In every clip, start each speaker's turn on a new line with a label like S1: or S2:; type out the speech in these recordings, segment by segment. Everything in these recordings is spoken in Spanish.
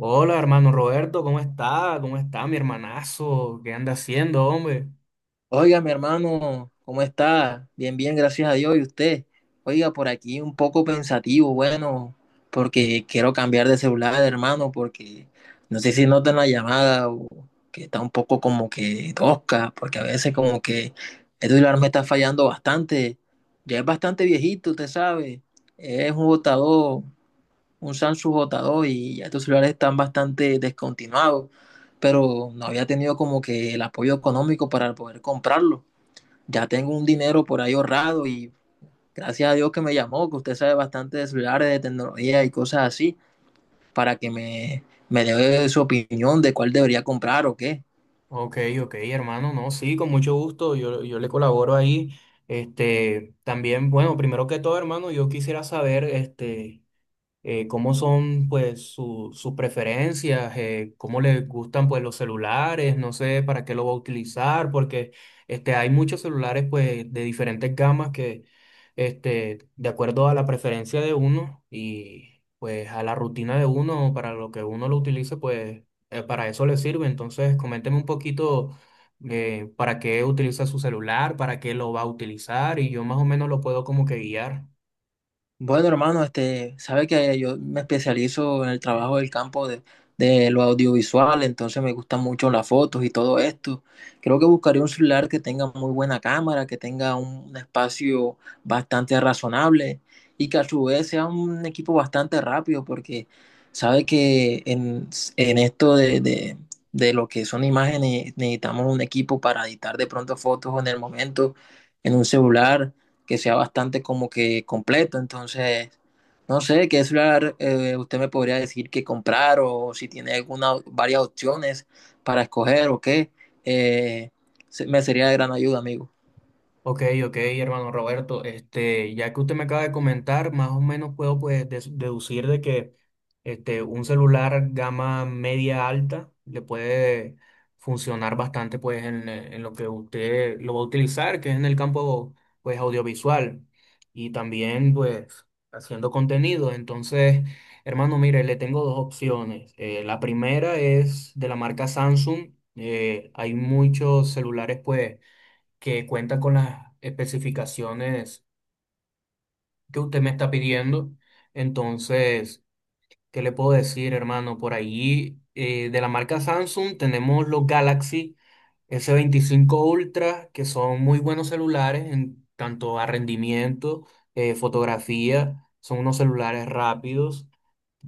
S1: Hola, hermano Roberto, ¿cómo está? ¿Cómo está mi hermanazo? ¿Qué anda haciendo, hombre?
S2: Oiga, mi hermano, ¿cómo está? Bien, bien, gracias a Dios. ¿Y usted? Oiga, por aquí un poco pensativo, bueno, porque quiero cambiar de celular, hermano, porque no sé si notan la llamada o que está un poco como que tosca, porque a veces como que este celular me está fallando bastante. Ya es bastante viejito, usted sabe. Es un botador, un Samsung botador y ya estos celulares están bastante descontinuados, pero no había tenido como que el apoyo económico para poder comprarlo ya tengo un dinero por ahí ahorrado y gracias a Dios que me llamó, que usted sabe bastante de celulares, de tecnología y cosas así, para que me dé su opinión de cuál debería comprar o qué.
S1: Ok, ok, hermano, no, sí, con mucho gusto, yo le colaboro ahí. También, bueno, primero que todo, hermano, yo quisiera saber, cómo son pues sus preferencias, cómo les gustan pues los celulares, no sé para qué lo va a utilizar, porque hay muchos celulares pues de diferentes gamas que de acuerdo a la preferencia de uno y pues a la rutina de uno, para lo que uno lo utilice, pues para eso le sirve. Entonces, coménteme un poquito. Para qué utiliza su celular, para qué lo va a utilizar y yo más o menos lo puedo como que guiar.
S2: Bueno, hermano, este, sabe que yo me especializo en el trabajo del campo de lo audiovisual, entonces me gustan mucho las fotos y todo esto. Creo que buscaré un celular que tenga muy buena cámara, que tenga un espacio bastante razonable y que a su vez sea un equipo bastante rápido, porque sabe que en esto de lo que son imágenes necesitamos un equipo para editar de pronto fotos en el momento, en un celular que sea bastante como que completo. Entonces, no sé qué celular usted me podría decir que comprar o si tiene alguna, varias opciones para escoger o qué. Eh, Me sería de gran ayuda, amigo.
S1: Ok, ok, hermano Roberto, ya que usted me acaba de comentar, más o menos puedo pues deducir de que un celular gama media alta le puede funcionar bastante pues en lo que usted lo va a utilizar, que es en el campo pues audiovisual y también pues haciendo contenido. Entonces, hermano, mire, le tengo dos opciones. La primera es de la marca Samsung. Hay muchos celulares pues que cuenta con las especificaciones que usted me está pidiendo. Entonces, ¿qué le puedo decir, hermano? Por ahí, de la marca Samsung tenemos los Galaxy S25 Ultra, que son muy buenos celulares en tanto a rendimiento, fotografía, son unos celulares rápidos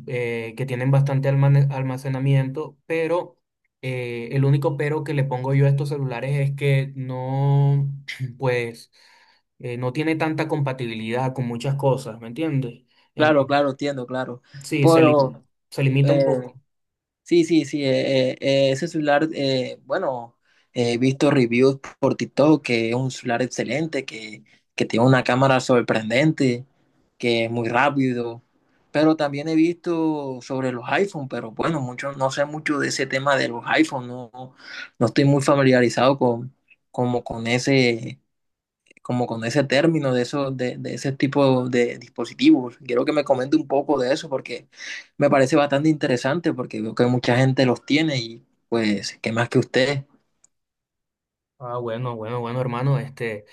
S1: que tienen bastante almacenamiento, pero el único pero que le pongo yo a estos celulares es que no, pues, no tiene tanta compatibilidad con muchas cosas, ¿me entiendes?
S2: Claro,
S1: Entonces,
S2: claro, entiendo, claro.
S1: sí,
S2: Pero,
S1: se limita un
S2: eh,
S1: poco.
S2: sí, sí, sí, ese celular, bueno, he visto reviews por TikTok que es un celular excelente, que tiene una cámara sorprendente, que es muy rápido, pero también he visto sobre los iPhone, pero bueno, mucho, no sé mucho de ese tema de los iPhone, no, no estoy muy familiarizado con, como con ese, como con ese término de ese tipo de dispositivos. Quiero que me comente un poco de eso porque me parece bastante interesante porque veo que mucha gente los tiene y pues, ¿qué más que usted?
S1: Ah, bueno, bueno, bueno, hermano,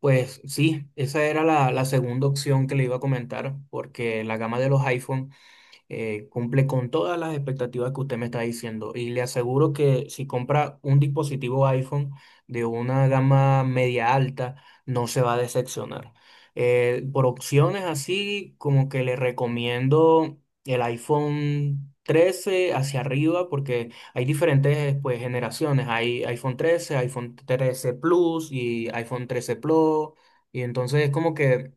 S1: pues sí, esa era la segunda opción que le iba a comentar, porque la gama de los iPhone cumple con todas las expectativas que usted me está diciendo y le aseguro que si compra un dispositivo iPhone de una gama media alta, no se va a decepcionar. Por opciones así, como que le recomiendo el iPhone 13 hacia arriba porque hay diferentes pues, generaciones. Hay iPhone 13 iPhone 13 Plus y iPhone 13 Pro. Y entonces es como que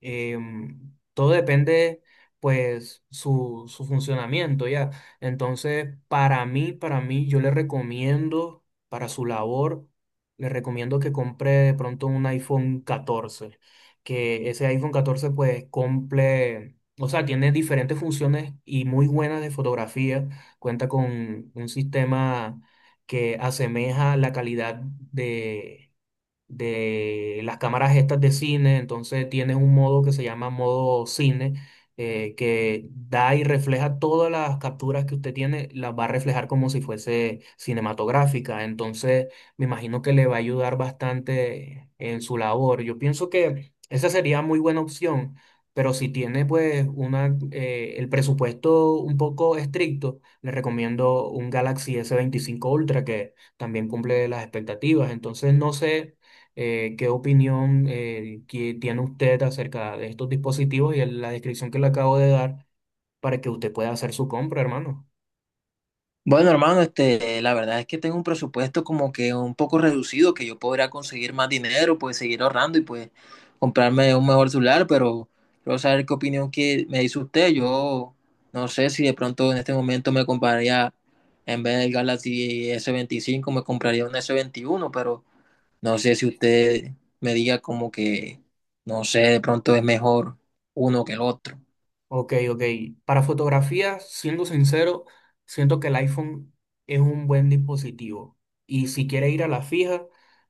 S1: todo depende, pues, su funcionamiento, ¿ya? Entonces, para mí, yo le recomiendo, para su labor, le recomiendo que compre de pronto un iPhone 14 que ese iPhone 14 pues, cumple, o sea, tiene diferentes funciones y muy buenas de fotografía, cuenta con un sistema que asemeja la calidad de las cámaras estas de cine, entonces tienes un modo que se llama modo cine, que da y refleja todas las capturas que usted tiene, las va a reflejar como si fuese cinematográfica, entonces me imagino que le va a ayudar bastante en su labor. Yo pienso que esa sería muy buena opción, pero si tiene pues una, el presupuesto un poco estricto, le recomiendo un Galaxy S25 Ultra que también cumple las expectativas, entonces no sé qué opinión que tiene usted acerca de estos dispositivos y la descripción que le acabo de dar para que usted pueda hacer su compra, hermano.
S2: Bueno, hermano, este, la verdad es que tengo un presupuesto como que un poco reducido, que yo podría conseguir más dinero, pues seguir ahorrando y pues comprarme un mejor celular, pero quiero saber qué opinión que me dice usted. Yo no sé si de pronto en este momento me compraría, en vez del Galaxy S25, me compraría un S21, pero no sé si usted me diga como que, no sé, de pronto es mejor uno que el otro.
S1: Ok, ok. Para fotografía, siendo sincero, siento que el iPhone es un buen dispositivo. Y si quiere ir a la fija,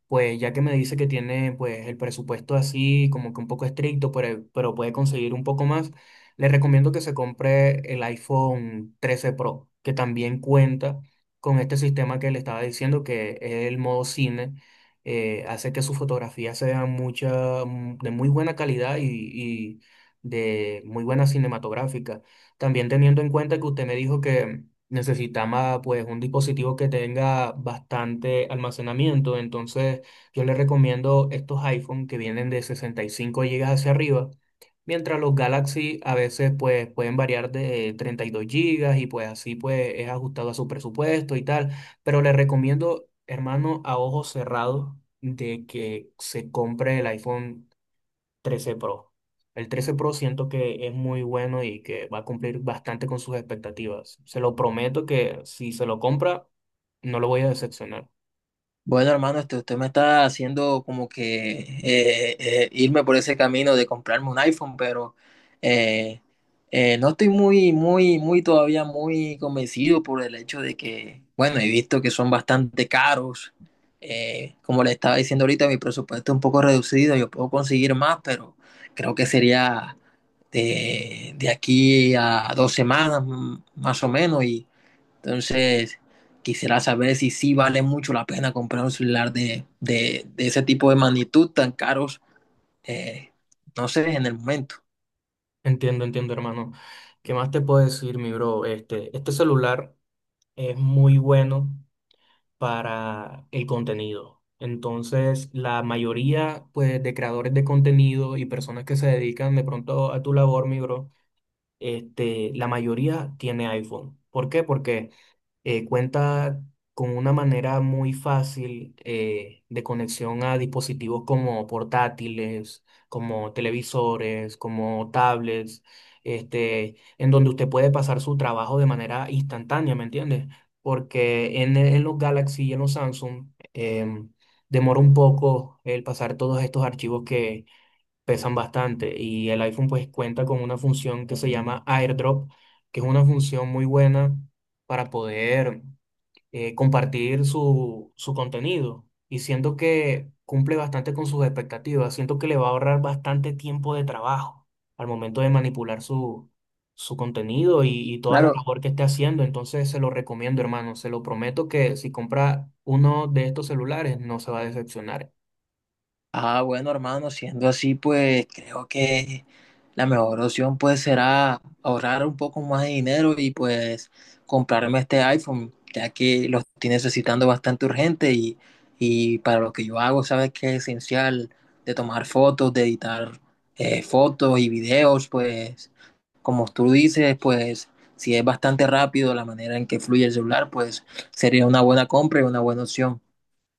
S1: pues ya que me dice que tiene pues el presupuesto así como que un poco estricto, pero puede conseguir un poco más, le recomiendo que se compre el iPhone 13 Pro, que también cuenta con este sistema que le estaba diciendo, que es el modo cine. Hace que sus fotografías sean de muy buena calidad y, de muy buena cinematográfica. También teniendo en cuenta que usted me dijo que necesitaba pues un dispositivo que tenga bastante almacenamiento, entonces yo le recomiendo estos iPhone que vienen de 65 gigas hacia arriba. Mientras los Galaxy a veces pues pueden variar de 32 gigas y pues así pues es ajustado a su presupuesto y tal, pero le recomiendo, hermano, a ojos cerrados de que se compre el iPhone 13 Pro. El 13 Pro siento que es muy bueno y que va a cumplir bastante con sus expectativas. Se lo prometo que si se lo compra, no lo voy a decepcionar.
S2: Bueno, hermano, este, usted me está haciendo como que irme por ese camino de comprarme un iPhone, pero eh, no estoy muy todavía muy convencido por el hecho de que, bueno, he visto que son bastante caros. Como le estaba diciendo ahorita, mi presupuesto es un poco reducido, yo puedo conseguir más, pero creo que sería de aquí a dos semanas más o menos y entonces, quisiera saber si sí vale mucho la pena comprar un celular de ese tipo de magnitud tan caros, eh, no sé, en el momento.
S1: Entiendo, entiendo, hermano. ¿Qué más te puedo decir, mi bro? Este celular es muy bueno para el contenido. Entonces, la mayoría, pues, de creadores de contenido y personas que se dedican de pronto a tu labor, mi bro, la mayoría tiene iPhone. ¿Por qué? Porque cuenta con una manera muy fácil de conexión a dispositivos como portátiles, como televisores, como tablets, en donde usted puede pasar su trabajo de manera instantánea, ¿me entiendes? Porque en los Galaxy y en los Samsung demora un poco el pasar todos estos archivos pesan bastante y el iPhone pues cuenta con una función que se llama AirDrop, que es una función muy buena para poder compartir su contenido y siento que cumple bastante con sus expectativas, siento que le va a ahorrar bastante tiempo de trabajo al momento de manipular su contenido y toda la
S2: Claro.
S1: labor que esté haciendo, entonces se lo recomiendo hermano, se lo prometo que si compra uno de estos celulares no se va a decepcionar.
S2: Ah, bueno, hermano, siendo así, pues creo que la mejor opción pues será ahorrar un poco más de dinero y pues comprarme este iPhone, ya que lo estoy necesitando bastante urgente y para lo que yo hago, sabes que es esencial de tomar fotos, de editar fotos y videos, pues como tú dices, pues si es bastante rápido la manera en que fluye el celular, pues sería una buena compra y una buena opción.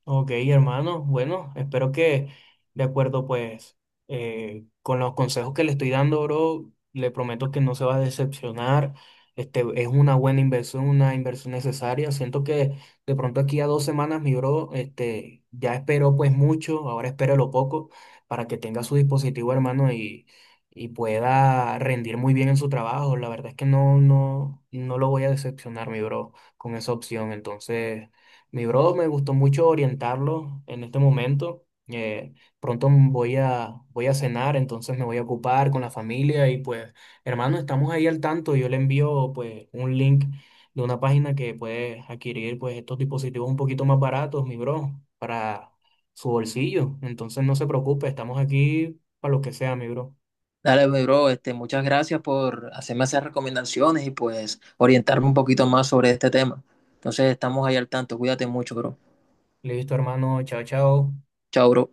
S1: Ok, hermano. Bueno, espero que de acuerdo, pues, con los consejos que le estoy dando, bro, le prometo que no se va a decepcionar. Este, es una buena inversión, una inversión necesaria. Siento que de pronto aquí a 2 semanas, mi bro, ya esperó pues mucho, ahora espere lo poco para que tenga su dispositivo, hermano, y pueda rendir muy bien en su trabajo. La verdad es que no, no, no lo voy a decepcionar, mi bro, con esa opción. Entonces. Mi bro, me gustó mucho orientarlo en este momento. Pronto voy a cenar, entonces me voy a ocupar con la familia y pues, hermano, estamos ahí al tanto. Yo le envío pues un link de una página que puede adquirir pues estos dispositivos un poquito más baratos, mi bro, para su bolsillo. Entonces no se preocupe, estamos aquí para lo que sea, mi bro.
S2: Dale, mi bro, este, muchas gracias por hacerme esas recomendaciones y pues orientarme un poquito más sobre este tema. Entonces, estamos ahí al tanto. Cuídate mucho, bro.
S1: Listo, hermano, chao, chao.
S2: Chao, bro.